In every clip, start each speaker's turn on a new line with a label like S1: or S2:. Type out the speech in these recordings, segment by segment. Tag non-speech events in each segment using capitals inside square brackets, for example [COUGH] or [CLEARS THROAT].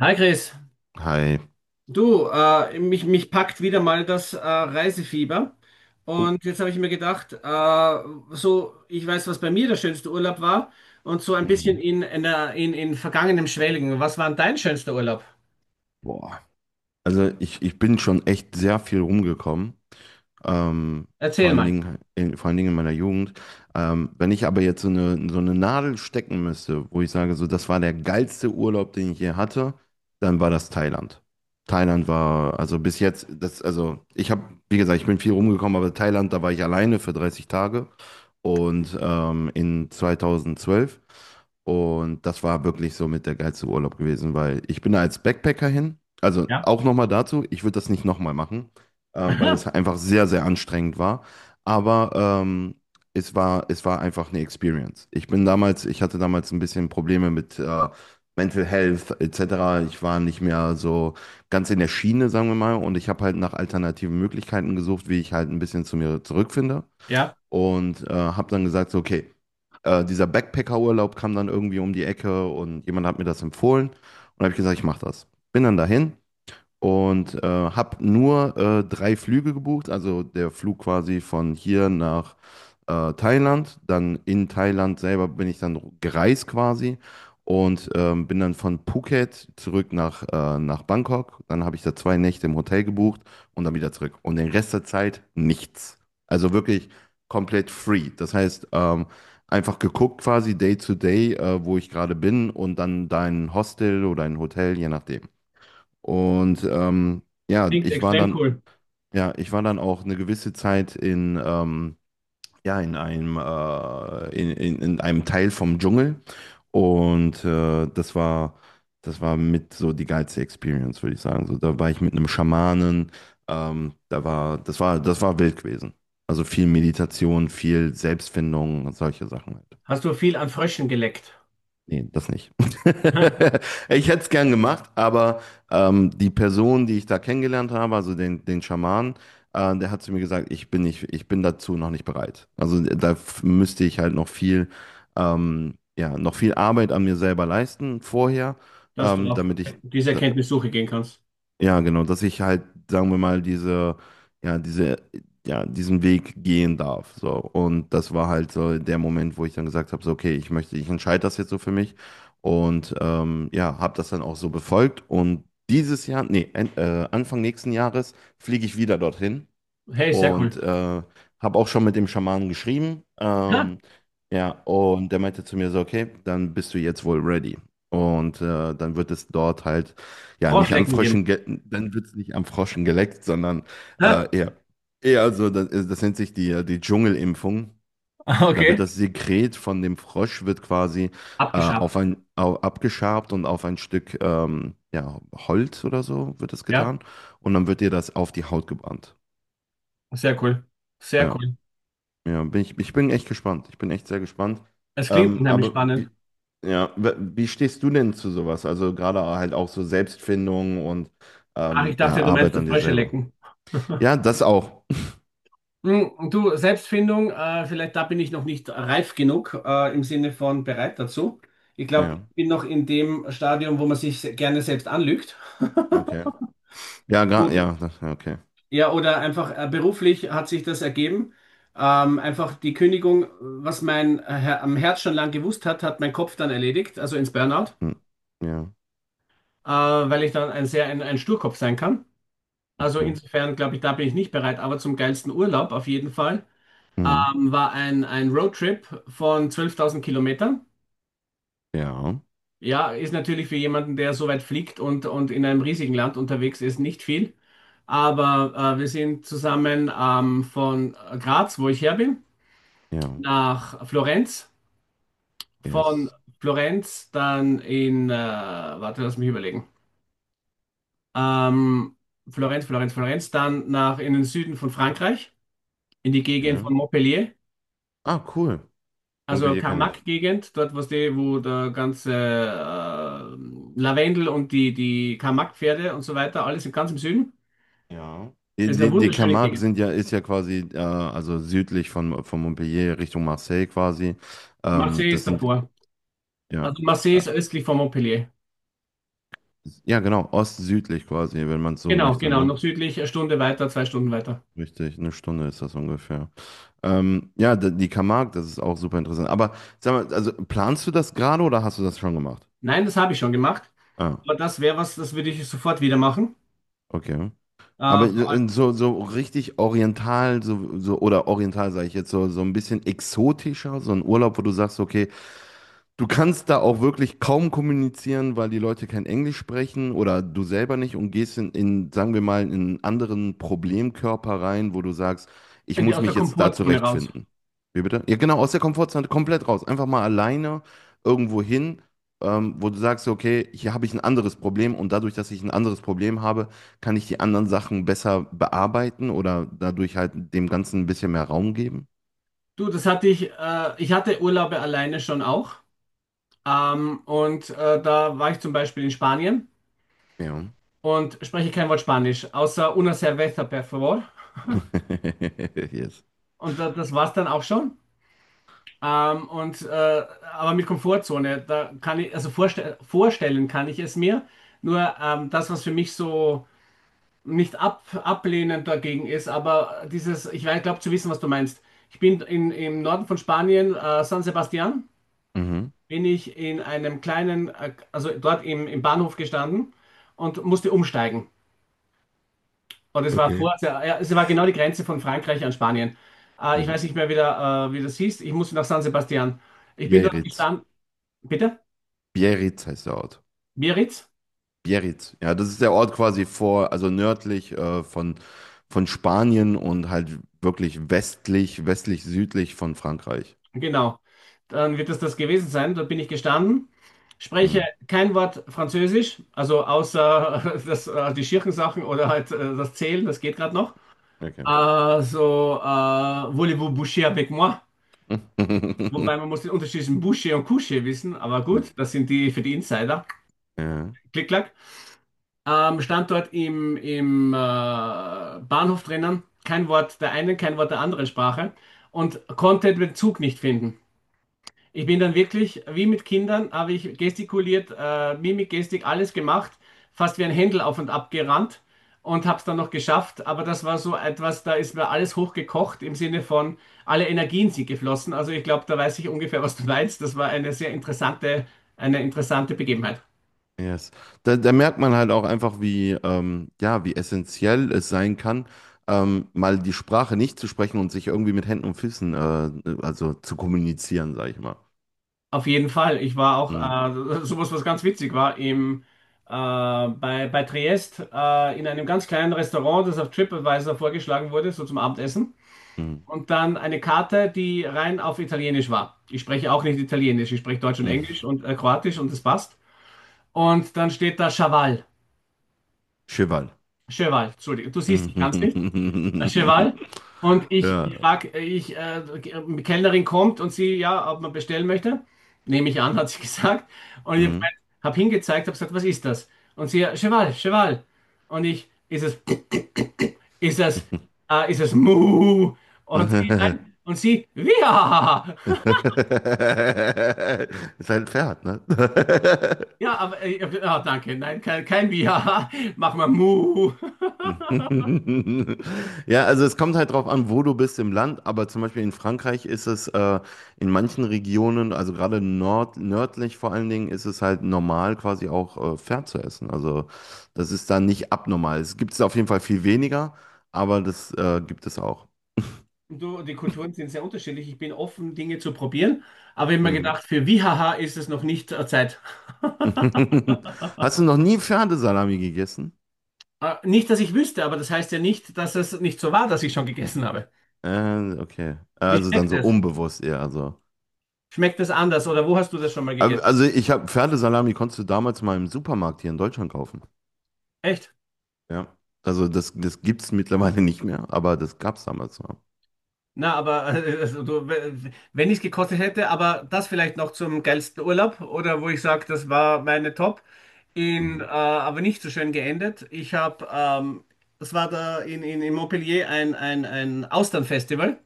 S1: Hi Chris,
S2: Hi.
S1: du, mich packt wieder mal das Reisefieber.
S2: Oh.
S1: Und jetzt habe ich mir gedacht, so, ich weiß, was bei mir der schönste Urlaub war und so ein bisschen
S2: Mhm.
S1: in vergangenem Schwelgen. Was war denn dein schönster Urlaub?
S2: Boah. Also ich bin schon echt sehr viel rumgekommen. Ähm, vor
S1: Erzähl
S2: allen
S1: mal.
S2: Dingen vor allen Dingen in meiner Jugend. Wenn ich aber jetzt so eine Nadel stecken müsste, wo ich sage, so, das war der geilste Urlaub, den ich je hatte, dann war das Thailand. Thailand war, also bis jetzt, das, also ich habe, wie gesagt, ich bin viel rumgekommen, aber Thailand, da war ich alleine für 30 Tage und in 2012. Und das war wirklich so mit der geilste Urlaub gewesen, weil ich bin da als Backpacker hin. Also
S1: Ja.
S2: auch nochmal dazu, ich würde das nicht nochmal machen, weil es
S1: Aha.
S2: einfach sehr, sehr anstrengend war. Aber es war einfach eine Experience. Ich bin damals, ich hatte damals ein bisschen Probleme mit Mental Health etc. Ich war nicht mehr so ganz in der Schiene, sagen wir mal, und ich habe halt nach alternativen Möglichkeiten gesucht, wie ich halt ein bisschen zu mir zurückfinde.
S1: Ja,
S2: Und habe dann gesagt, so, okay, dieser Backpacker-Urlaub kam dann irgendwie um die Ecke und jemand hat mir das empfohlen und habe ich gesagt, ich mache das. Bin dann dahin und habe nur 3 Flüge gebucht, also der Flug quasi von hier nach Thailand, dann in Thailand selber bin ich dann gereist quasi und bin dann von Phuket zurück nach, nach Bangkok, dann habe ich da 2 Nächte im Hotel gebucht und dann wieder zurück und den Rest der Zeit nichts. Also wirklich komplett free. Das heißt, einfach geguckt quasi day to day, wo ich gerade bin und dann dein Hostel oder ein Hotel, je nachdem. Und ja,
S1: klingt
S2: ich war
S1: extrem cool.
S2: ja, ich war dann auch eine gewisse Zeit in, ja, in einem, in einem Teil vom Dschungel. Und das das war mit so die geilste Experience, würde ich sagen. So, da war ich mit einem Schamanen, da war, das war wild gewesen. Also viel Meditation, viel Selbstfindung und solche Sachen halt.
S1: Hast du viel an Fröschen geleckt?
S2: Nee, das nicht. [LAUGHS]
S1: Aha.
S2: Ich hätte es gern gemacht, aber die Person, die ich da kennengelernt habe, also den Schaman, der hat zu mir gesagt, ich bin dazu noch nicht bereit. Also da müsste ich halt noch viel, ja, noch viel Arbeit an mir selber leisten vorher,
S1: Dass du
S2: ähm,
S1: auf
S2: damit ich,
S1: diese
S2: da-
S1: Erkenntnissuche gehen kannst?
S2: ja, genau, dass ich halt, sagen wir mal, diese, ja, diesen Weg gehen darf. So. Und das war halt so der Moment, wo ich dann gesagt habe, so, okay, ich entscheide das jetzt so für mich. Und ja, habe das dann auch so befolgt. Und dieses Jahr, nee, en- Anfang nächsten Jahres fliege ich wieder dorthin.
S1: Hey, sehr
S2: Und
S1: cool.
S2: habe auch schon mit dem Schamanen geschrieben.
S1: Ja,
S2: Ja, und der meinte zu mir so, okay, dann bist du jetzt wohl ready. Und dann wird es dort halt, ja, nicht an
S1: Froschlecken geben.
S2: Fröschen, ge dann wird es nicht am Froschen geleckt, sondern äh,
S1: Ja,
S2: eher, eher so, das nennt sich die Dschungelimpfung.
S1: [LAUGHS]
S2: Da wird
S1: okay.
S2: das Sekret von dem Frosch wird quasi
S1: Abgeschabt.
S2: abgeschabt und auf ein Stück ja, Holz oder so wird das
S1: Ja,
S2: getan. Und dann wird dir das auf die Haut gebrannt.
S1: sehr cool. Sehr
S2: Ja.
S1: cool.
S2: Ja, ich bin echt gespannt. Ich bin echt sehr gespannt.
S1: Es klingt
S2: Ähm,
S1: nämlich
S2: aber
S1: spannend.
S2: wie, ja, wie stehst du denn zu sowas? Also gerade halt auch so Selbstfindung und
S1: Ach, ich
S2: ja,
S1: dachte, du meinst
S2: Arbeit
S1: das
S2: an dir
S1: Frösche
S2: selber.
S1: lecken.
S2: Ja, das auch.
S1: Du, Selbstfindung, vielleicht da bin ich noch nicht reif genug, im Sinne von bereit dazu. Ich glaube, ich
S2: Ja,
S1: bin noch in dem Stadium, wo man sich gerne selbst anlügt. [LAUGHS]
S2: okay. Ja,
S1: Oder,
S2: ja, okay.
S1: ja, oder einfach beruflich hat sich das ergeben. Einfach die Kündigung, was mein am Herz schon lang gewusst hat, hat mein Kopf dann erledigt, also ins Burnout,
S2: Hm. Ja,
S1: weil ich dann ein Sturkopf sein kann. Also
S2: okay.
S1: insofern glaube ich, da bin ich nicht bereit, aber zum geilsten Urlaub auf jeden Fall.
S2: Mhm.
S1: War ein Roadtrip von 12.000 Kilometern.
S2: Ja,
S1: Ja, ist natürlich für jemanden, der so weit fliegt und in einem riesigen Land unterwegs ist, nicht viel. Aber wir sind zusammen von Graz, wo ich her bin,
S2: ja,
S1: nach Florenz. Von
S2: yes.
S1: Florenz dann warte, lass mich überlegen. Ähm, Florenz, dann nach in den Süden von Frankreich, in die Gegend von
S2: Ja.
S1: Montpellier.
S2: Ah, cool.
S1: Also
S2: Montpellier kenne ich.
S1: Karmak-Gegend, dort, wo der ganze Lavendel und die Karmak-Pferde und so weiter, alles ganz im Süden.
S2: Ja. Die,
S1: Es ist eine
S2: die
S1: wunderschöne
S2: Camargue
S1: Gegend.
S2: sind ja, ist ja quasi, also südlich von Montpellier Richtung Marseille quasi.
S1: Marseille
S2: Das
S1: ist
S2: sind
S1: davor.
S2: Ja.
S1: Also Marseille
S2: Äh,
S1: ist östlich von Montpellier.
S2: ja, genau, ostsüdlich quasi, wenn man es so
S1: Genau,
S2: möchte,
S1: genau,
S2: ne?
S1: noch südlich, 1 Stunde weiter, 2 Stunden weiter.
S2: Richtig, 1 Stunde ist das ungefähr. Ja, die Camargue, das ist auch super interessant. Aber sag mal, also planst du das gerade oder hast du das schon gemacht?
S1: Nein, das habe ich schon gemacht.
S2: Ah,
S1: Aber das wäre was, das würde ich sofort wieder machen.
S2: okay. Aber
S1: Äh, Vor allem
S2: in so, so richtig oriental, oder oriental sage ich jetzt, so, so ein bisschen exotischer, so ein Urlaub, wo du sagst, okay, du kannst da auch wirklich kaum kommunizieren, weil die Leute kein Englisch sprechen oder du selber nicht und gehst sagen wir mal, in einen anderen Problemkörper rein, wo du sagst, ich muss
S1: aus
S2: mich
S1: der
S2: jetzt da
S1: Komfortzone raus.
S2: zurechtfinden. Wie bitte? Ja, genau, aus der Komfortzone komplett raus. Einfach mal alleine irgendwo hin, wo du sagst, okay, hier habe ich ein anderes Problem und dadurch, dass ich ein anderes Problem habe, kann ich die anderen Sachen besser bearbeiten oder dadurch halt dem Ganzen ein bisschen mehr Raum geben.
S1: Du, das hatte ich, ich hatte Urlaube alleine schon auch. Und da war ich zum Beispiel in Spanien
S2: Ja.
S1: und spreche kein Wort Spanisch, außer una cerveza, por favor.
S2: [LAUGHS] Yes.
S1: Und da, das war's dann auch schon. Ähm, und, äh, aber mit Komfortzone, da kann ich, also vorstellen kann ich es mir. Nur das, was für mich so nicht ab ablehnend dagegen ist, aber dieses, ich glaube zu wissen, was du meinst. Ich bin im Norden von Spanien, San Sebastian,
S2: Mhm.
S1: bin ich in einem kleinen, also dort im Bahnhof gestanden und musste umsteigen. Und es war
S2: Okay.
S1: kurz, ja, ja, es war genau die Grenze von Frankreich an Spanien. Ich
S2: Mhm.
S1: weiß nicht mehr, wie das hieß. Ich musste nach San Sebastian. Ich bin dort
S2: Biarritz.
S1: gestanden. Bitte?
S2: Biarritz heißt der Ort.
S1: Biarritz?
S2: Biarritz. Ja, das ist der Ort quasi vor, also nördlich von Spanien und halt wirklich westlich, südlich von Frankreich.
S1: Genau. Dann wird das das gewesen sein. Dort bin ich gestanden, spreche
S2: Mhm.
S1: kein Wort Französisch, also außer [LAUGHS] die Schirchensachen oder halt das Zählen, das geht gerade noch.
S2: Okay.
S1: So, voulez-vous boucher avec moi?
S2: [LAUGHS]
S1: Wobei man muss den Unterschied zwischen boucher und coucher wissen, aber gut, das sind die für die Insider.
S2: Ja,
S1: Klick, klack. Standort im Bahnhof drinnen, kein Wort der einen, kein Wort der anderen Sprache und konnte den Bezug nicht finden. Ich bin dann wirklich, wie mit Kindern, habe ich gestikuliert, Mimik, Gestik, alles gemacht, fast wie ein Händel auf und ab gerannt und habe es dann noch geschafft. Aber das war so etwas, da ist mir alles hochgekocht im Sinne von, alle Energien sind geflossen. Also ich glaube, da weiß ich ungefähr, was du meinst. Das war eine sehr interessante, eine interessante Begebenheit.
S2: yes. Da, da merkt man halt auch einfach, wie, ja, wie essentiell es sein kann, mal die Sprache nicht zu sprechen und sich irgendwie mit Händen und Füßen, also zu kommunizieren, sag ich mal.
S1: Auf jeden Fall. Ich war auch,
S2: Mhm.
S1: sowas, was ganz witzig war, bei Triest in einem ganz kleinen Restaurant, das auf TripAdvisor vorgeschlagen wurde, so zum Abendessen.
S2: Mhm.
S1: Und dann eine Karte, die rein auf Italienisch war. Ich spreche auch nicht Italienisch, ich spreche Deutsch und Englisch
S2: Mhm.
S1: und Kroatisch und das passt. Und dann steht da Chaval.
S2: Cheval.
S1: Cheval, Entschuldigung. Du siehst, ich kann es nicht.
S2: Mhm.
S1: Cheval. Und
S2: [LAUGHS]
S1: ich,
S2: Ja.
S1: ich frage, die Kellnerin kommt und sie, ja, ob man bestellen möchte. Nehme ich an, hat sie [LAUGHS] gesagt. Und ich
S2: Mhm.
S1: habe hingezeigt, habe gesagt, was ist das? Und sie, ja Cheval, Cheval. Und ich, [CLEARS THROAT] ist es, ist es Mu? Und sie,
S2: [LAUGHS]
S1: nein, und sie, Wiha! [LAUGHS]
S2: Ist halt ein Pferd, ne? [LAUGHS]
S1: Ja, aber, ah, danke, nein, kein Wiha, machen wir [LAUGHS] Mu.
S2: [LAUGHS] Ja, also es kommt halt drauf an, wo du bist im Land, aber zum Beispiel in Frankreich ist es in manchen Regionen, also gerade nord nördlich vor allen Dingen, ist es halt normal, quasi auch Pferd zu essen. Also das ist da nicht abnormal. Es gibt es auf jeden Fall viel weniger, aber das gibt es auch.
S1: Du, die Kulturen sind sehr unterschiedlich. Ich bin offen, Dinge zu probieren, aber ich habe mir
S2: Mhm.
S1: gedacht, für Wihaha ist es noch nicht Zeit. [LAUGHS]
S2: [LAUGHS] Hast du noch nie Pferdesalami gegessen?
S1: Nicht, dass ich wüsste, aber das heißt ja nicht, dass es nicht so war, dass ich schon gegessen habe.
S2: Okay.
S1: Wie
S2: Also dann
S1: schmeckt
S2: so
S1: es?
S2: unbewusst eher. Also,
S1: Schmeckt es anders oder wo hast du das schon mal gegessen?
S2: Also ich habe Pferdesalami konntest du damals mal im Supermarkt hier in Deutschland kaufen.
S1: Echt?
S2: Ja. Also das gibt es mittlerweile nicht mehr, aber das gab es damals noch.
S1: Na, aber also, du, wenn ich es gekostet hätte, aber das vielleicht noch zum geilsten Urlaub oder wo ich sage, das war meine Top,
S2: Mhm.
S1: aber nicht so schön geendet. Das war da in Montpellier ein Austernfestival.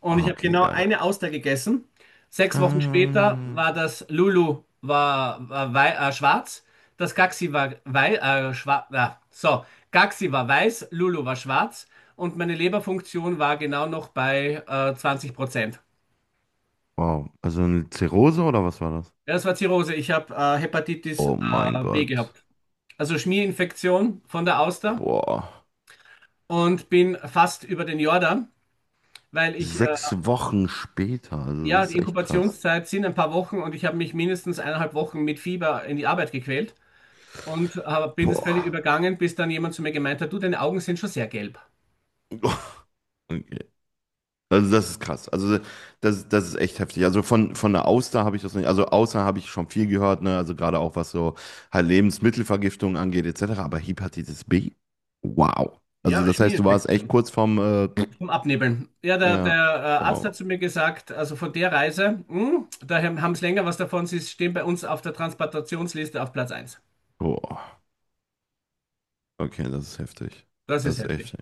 S1: Und ich
S2: Ah,
S1: habe
S2: okay,
S1: genau
S2: geil.
S1: eine Auster gegessen. 6 Wochen später
S2: Ähm,
S1: war das: Lulu war, war wei schwarz, das Gaxi war wei schwarz. So, Gaxi war weiß, Lulu war schwarz und meine Leberfunktion war genau noch bei 20%.
S2: wow. Also eine Zirrhose oder was war das?
S1: Ja, das war Zirrhose. Ich habe Hepatitis
S2: Oh mein
S1: B
S2: Gott.
S1: gehabt. Also Schmierinfektion von der Auster
S2: Boah.
S1: und bin fast über den Jordan, weil ich
S2: 6 Wochen später. Also
S1: ja,
S2: das
S1: die
S2: ist echt krass.
S1: Inkubationszeit sind ein paar Wochen und ich habe mich mindestens 1,5 Wochen mit Fieber in die Arbeit gequält und bin das völlig
S2: Boah.
S1: übergangen, bis dann jemand zu mir gemeint hat, du, deine Augen sind schon sehr gelb.
S2: [LAUGHS] Okay. Also das ist krass. Also das ist echt heftig. Also von der Auster habe ich das nicht. Also Auster habe ich schon viel gehört, ne? Also gerade auch was so halt Lebensmittelvergiftung angeht, etc. Aber Hepatitis B? Wow. Also
S1: Ja,
S2: das heißt, du warst echt
S1: Schmierinfektion.
S2: kurz vorm,
S1: Vom Abnebeln. Ja, der, der
S2: ja,
S1: äh, Arzt
S2: wow.
S1: hat zu mir gesagt, also von der Reise, da haben sie länger was davon, sie stehen bei uns auf der Transplantationsliste auf Platz eins.
S2: Boah. Okay, das ist heftig.
S1: Das ist
S2: Das ist echt.
S1: heftig.